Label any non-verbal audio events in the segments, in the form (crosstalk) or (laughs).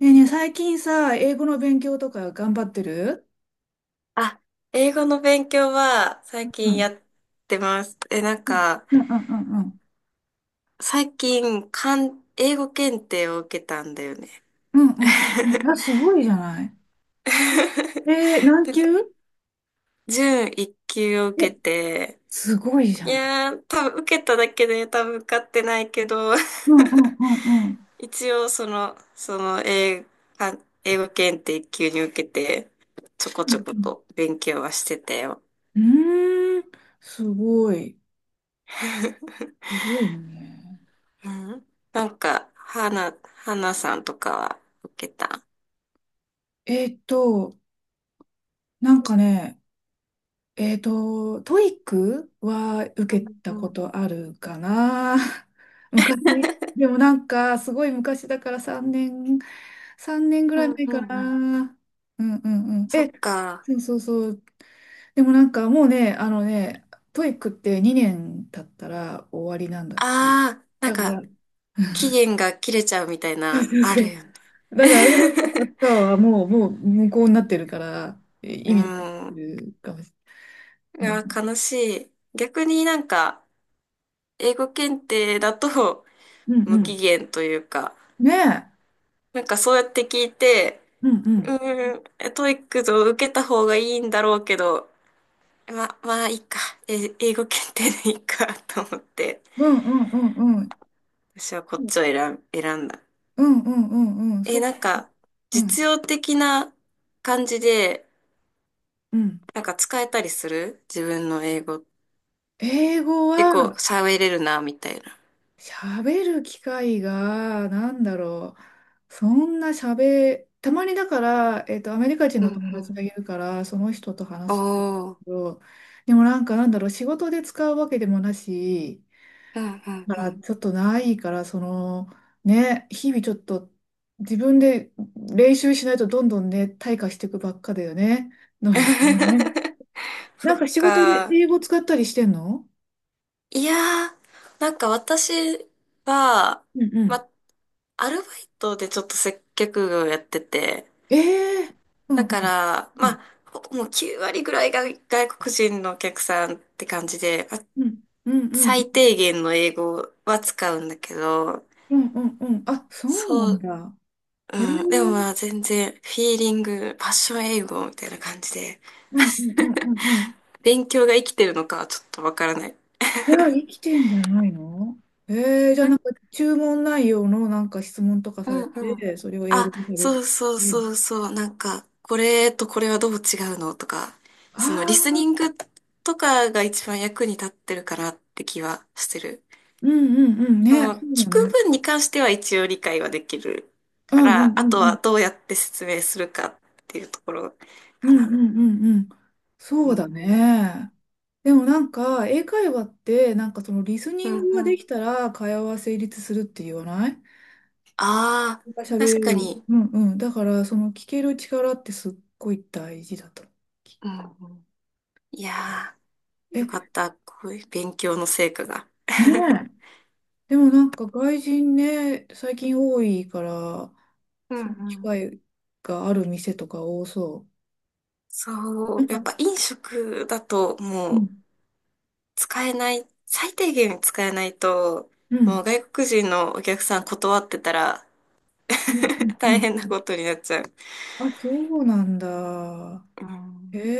ねえねえ、最近さ、英語の勉強とか頑張ってる？あ、英語の勉強はう最近ん。やってます。え、なんうんか、うんうんうん。最近、英語検定を受けたんだよね。うんうんうんうん。あ、すごいじゃない。(laughs) 何なん級？か準一級を受え、けて、すごいじいゃない。やー、多分受けただけで多分受かってないけど、うんうんうんうん。(laughs) 一応そのか英語検定一級に受けて、ちょこうちょこんと勉強はしてたよ。うん。うーん、すごい。(laughs) すごいね。うん、なんか、花さんとかは受けた。えーっと、なんかね、トイックはう受けんたうこん。とあるかな？ (laughs) 昔。でもなんか、すごい昔だから3年ぐうらいん前うかんうん。な。うんうんうん。そっえ、か。そうそうそう。でもなんかもうね、あのね、トイックって2年経ったら終わりなんだって。ああ、なんだかか、ら、期限が切れちゃうみたいそうな、そうあそるう。よね。だから、あれのパパ (laughs) パはもう無効になってるから、う意味になってん。るかもしいれない。や、ね。悲しい。逆になんか、英語検定だとうん無う期ん。限というか、ねえ。なんかそうやって聞いて、うんううん。ん、トイックを受けた方がいいんだろうけど、まあいいか。え、英語検定でいいかと思って。うんうんうんうん。私はこっちを選ん、選んだ。うんうんうんうん。そえ、っか。なんか、うん。実用的な感じで、うん。なんか使えたりする自分の英語。英語結は、構喋れるな、みたいな。喋る機会が、なんだろう。そんな喋、たまにだから、アメリカ人うのん友う達ん。がいるから、その人と話すんだけおー。ど、でもなんか、なんだろう、仕事で使うわけでもなし、うんうんだうからん。ちょっとないから、その、ね、日々ちょっと自分で練習しないとどんどんね、退化していくばっかだよね。能力がね。(laughs) なそんっか仕事でか。英語使ったりしてんの？いやー、なんか私は、うんうん。ま、アルバイトでちょっと接客業やってて、ええうんだかうん。ら、まあ、もう9割ぐらいが外国人のお客さんって感じで、うん、うん、うん、最低限の英語は使うんだけど、うん、うん、うん、あ、そうなそんう、だ。へえ、うん、でもまあ全然、フィーリング、パッション英語みたいな感じで、うん、うん、うん、うん、うん。勉強が生きてるのかはちょっとわからない。じゃあ、生きてんじゃないの？じゃあ、ななんんか、注文内容のなんか質問とかうされんうん。て、それを英語あ、で喋っそうそうそうて。そう、なんか、これとこれはどう違うのとか、あそのリスニンあ、グとかが一番役に立ってるかなって気はしてる。うん、うん、うん、そね、の、そう聞だくね。分に関しては一応理解はできるあ、かうん、うん、ら、あとうん、はどうやって説明するかっていうところうかん、うな。ん、うん、うん。そううんだうん。ね。でもなんか、英会話って、なんかそのリスうニンんグがうでん。きたら会話は成立するって言わないああ、が喋れ確かる。に。うんうん。だから、その聞ける力ってすっごい大事だと。うんうん。いやー、え、よかっねた。こういう勉強の成果が。え。(laughs) でもなんか外人ね、最近多いから、うんその機うん会がある店とか多そそう。なう、やっんぱか、飲食だとうもん。う使えない、最低限使えないと、うん。もう外国人のお客さん断ってたら うんうん (laughs) う大ん。変なことになっちゃう。あ、そうなんだ。うへん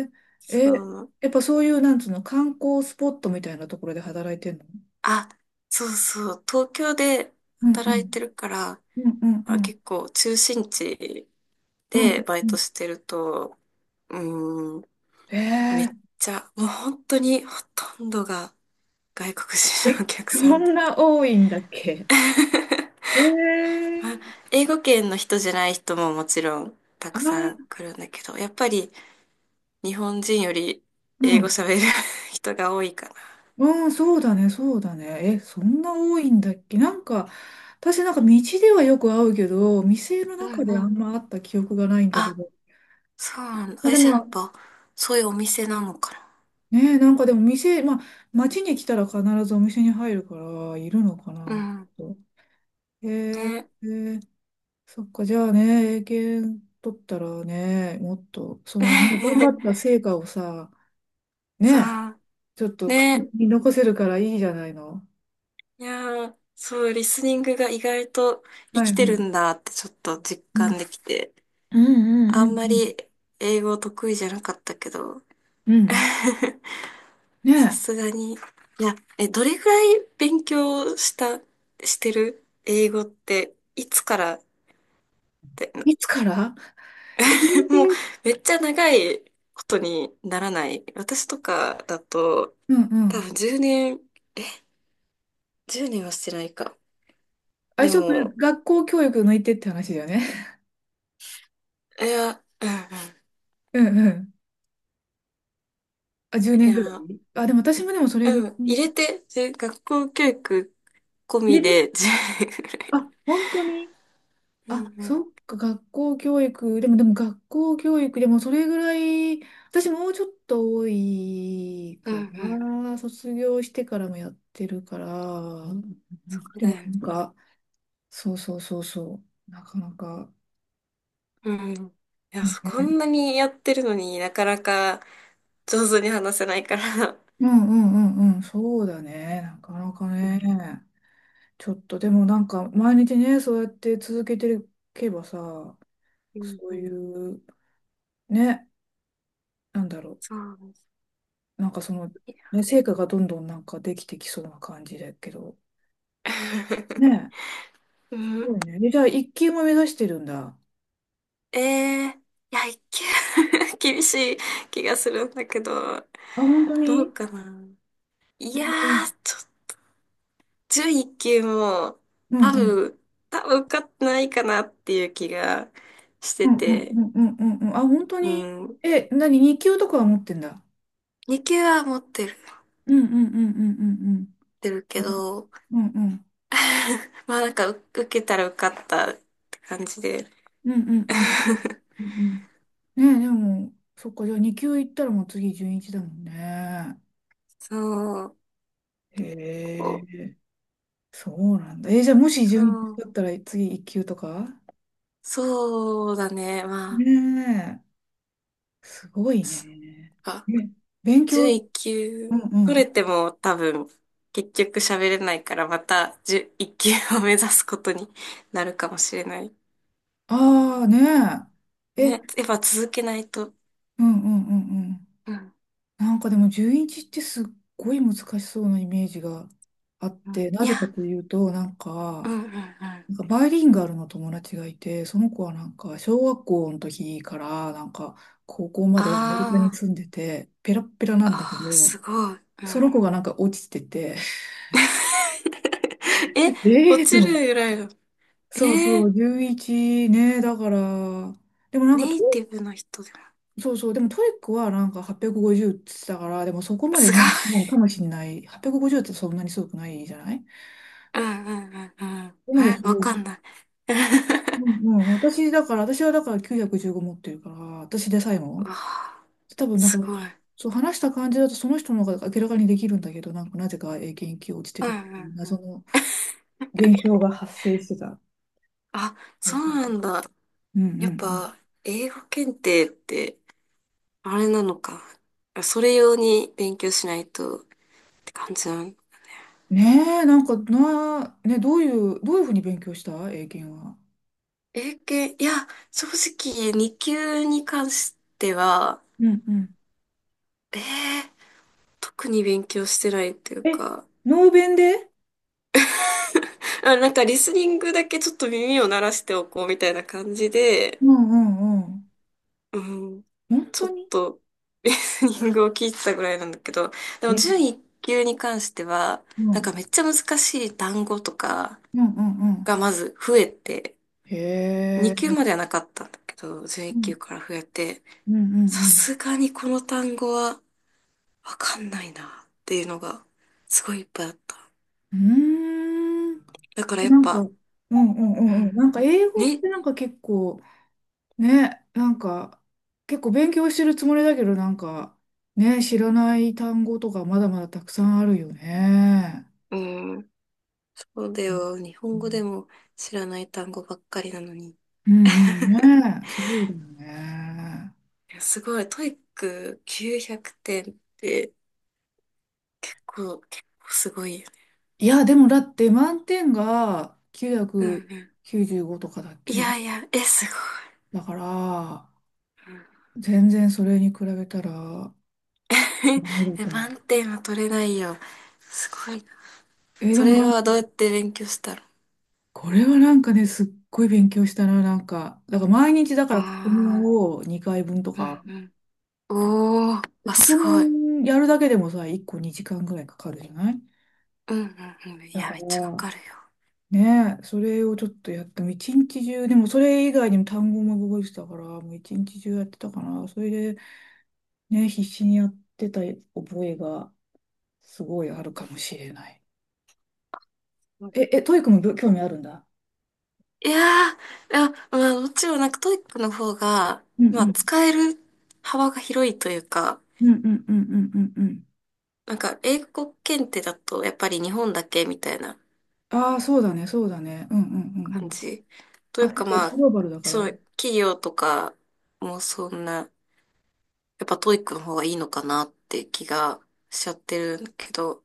え。え、そう、やっぱそういう、なんつうの、観光スポットみたいなところで働いてんの？あ、そうそう、東京でうんう働いてん。るから、うんうんうあ、ん。結構中心地うでんバイうトん。してると、うーん、へめえ。っちゃ、もう本当にほとんどが外国人のえ、お客そさんだ。んな多いんだっけ？ (laughs) えあー英語圏の人じゃない人ももちろんたああくさんー、来るんだけど、やっぱり日本人よりう英語ん。喋る (laughs) 人が多いかうん、そうだね、そうだね。え、そんな多いんだっけ？なんか、私なんか道ではよく会うけど、店のな。うん中でうあんん。ま会った記憶がないんだけあ、ど。そうなんだ。まああれでじゃあやっも、ぱ、そういうお店なのかな。ねえ、なんかでも店、まあ、街に来たら必ずお店に入るから、いるのかうな、ん。と。えー、ね。えーそっか、じゃあね、英検取ったらね、もっと、その、頑張 (laughs) った成果をさ、ねさえ、あ、ちょっとね。見残せるからいいじゃないの。いやー、そう、リスニングが意外と生はきいてはい。るんだってちょっと実うん、感できて、うんうんあうんんうまん。り英語得意じゃなかったけど、うん (laughs) さねすがに。いや、え、どれぐらい勉強した、してる英語って、いつからって、え。いつから？えー (laughs) もうめっちゃ長いことにならない。私とかだと、うんう多ん。分10年、え、10年はしてないか。あ、で一応、も、学校教育抜いてって話だよね。いや、うんうんうんうん。あ、10い年ぐらや、いあ、でも私もでもそれぐらういん、入に。れて、で、学校教育込み入れて。で10年ぐらい。あ、本当に。うあ、んうん。そっか、学校教育。でも学校教育でもそれぐらい、私もうちょっと多いうんうかん。な。卒業してからもやってるから。そうでだもよなんね。か、そうそうそうそう。なかなかうんうん。いや、そこね。んなにやってるのになかなか上手に話せないから。うんうんうんうん。そうだね。なかなかうね。ん。ちょっとでもなんか、毎日ね、そうやって続けていけばさ、うんそうういん。う、ね、なんだろう。そうですなんかその、ね。いや ね、成果がどんどんなんかできてきそうな感じだけど。ね (laughs) うえ、すん。ごいね。でじゃあ、一級も目指してるんだ。えー、いや、(laughs) 厳しい気がするんだけど、あ、本当どうに。かな。いやうんー、11級もう多ん分、多分受かってないかなっていう気がしてうんうんて、うんうんうんうん。あ、本当うに。ん。え、何、二級とかは持ってんだ。2級は持っうんうんうんうんうんてるうけん。ど、うんうんうん (laughs) まあなんか受けたら受かったって感じで。うんうんうん (laughs) うんうんうんうんうんうん。ねえ、でも、そっか、じゃあ二級行ったらもう次準一だもんね。そう、こへう、え、そうなんだ。え、じゃあもしそ準一う、だったら次一級とかそうだね、まあ、ね、すごいね。そっか。ね、勉強、うん11う級取ん。れても多分、結局喋れないからまた11級を目指すことになるかもしれない。ああねえ。ね、やえ、っぱ続けないと。うんうんうんうん。うん、なんかでも11ってすっごい難しそうなイメージがあっうて、ん。ないぜかや、というと、なんうん、か、うん、うなん。んかバイリンガルの友達がいて、その子はなんか小学校の時からなんか高校までアメリカにあー、住んでて、ペラッペラなあんだけー、ど、すごい。うそん。の子がなんか落ちてて、(laughs) え、(laughs) え落えとち思っるて。ぐらいの。えそうそー、う、11ね、だから、でもなんかネイティブの人でも。そうそう、でもトイックはなんか850っぴゃくごじゅうって言ってたから、でもそこまですごもう、もい。うかもしれない。850っぴゃくごじゅうってそんなにすごくないじゃない？うん、うん、うん、うん。そこまでえ、すわごかんい。ない。(laughs) うんうん、私はだから915持ってるから、私でさえうも。わあ、多分なんか、すごい。そう話した感じだとその人の方が明らかにできるんだけど、なんかなぜか英検1級落ちてうるっていん、ううん。謎の現象が発生してた。あ、そうそそううなそう。んだ。うんうやっんぱ、英語検定って、あれなのか。それ用に勉強しないとって感じなのねうん。ねえ、なんかな、ね、どういうふうに勉強した英検は？英検、いや、正直、2級に関しては、うんうん。ええ特に勉強してないっていうえ、か、ノーベンで。あ、なんかリスニングだけちょっと耳を鳴らしておこうみたいな感じで、うんうんうん。うん、本ち当ょっに。とリスニングを聞いてたぐらいなんだけど、でもえ、準1級に関しては、うなんかん。めっちゃ難しい単語とかうんうんうん。がまず増えて、へ2級え。まではなかったんだけど、準う1ん級から増えて、うんうさんすがにこの単語は、わかんないなっていうのがすごいいっぱいあった。うん。うだからーん。やっなんか、うぱ、んうんううんうん、ん。なんか英語っね、てなんか結構、ね、なんか、結構勉強してるつもりだけど、なんか、ね、知らない単語とかまだまだたくさんあるよね。うん、そうだうんよ。日本語でも知らない単語ばっかりなのに。うんうん。 (laughs) ね、そうだよね。いやすごい、トイック900点って結構すごいよね。いや、でもだって満点がうんう995とかだっん。いけ？やいや、え、すごだから、い。うん 全然それに比べたら、ダ (laughs) メだえ、と思う。満点は取れないよ。すごいな。えーそでもれなん、はどうやって勉強したのこれはなんかね、すっごい勉強したな、なんか。だから毎日だから過去問ああを2回分とー、か。うんうん。おー、であ、過す去ごい。問やるだけでもさ、1個2時間ぐらいかかるじゃない？うんうんうん。いだや、かめっちゃから、かるよ。ねえ、それをちょっとやっても、一日中、でもそれ以外にも単語も覚えてたから、もう一日中やってたから、それでね、必死にやってた覚えがすごいあるかもしれない。え、え、トイックも興味あるんだ。いやー、いや、まあ、もちろんなんかトイックの方が、うんうまあ、ん。使える幅が広いというか、うんうんうんうんうんうん。なんか英語検定だとやっぱり日本だけみたいなああ、そうだね、そうだね。うんうんうんう感ん。じ。といあ、うそっかか、まグあ、ローバルだから。そう、企業とかもそんな、やっぱトイックの方がいいのかなって気がしちゃってるけど、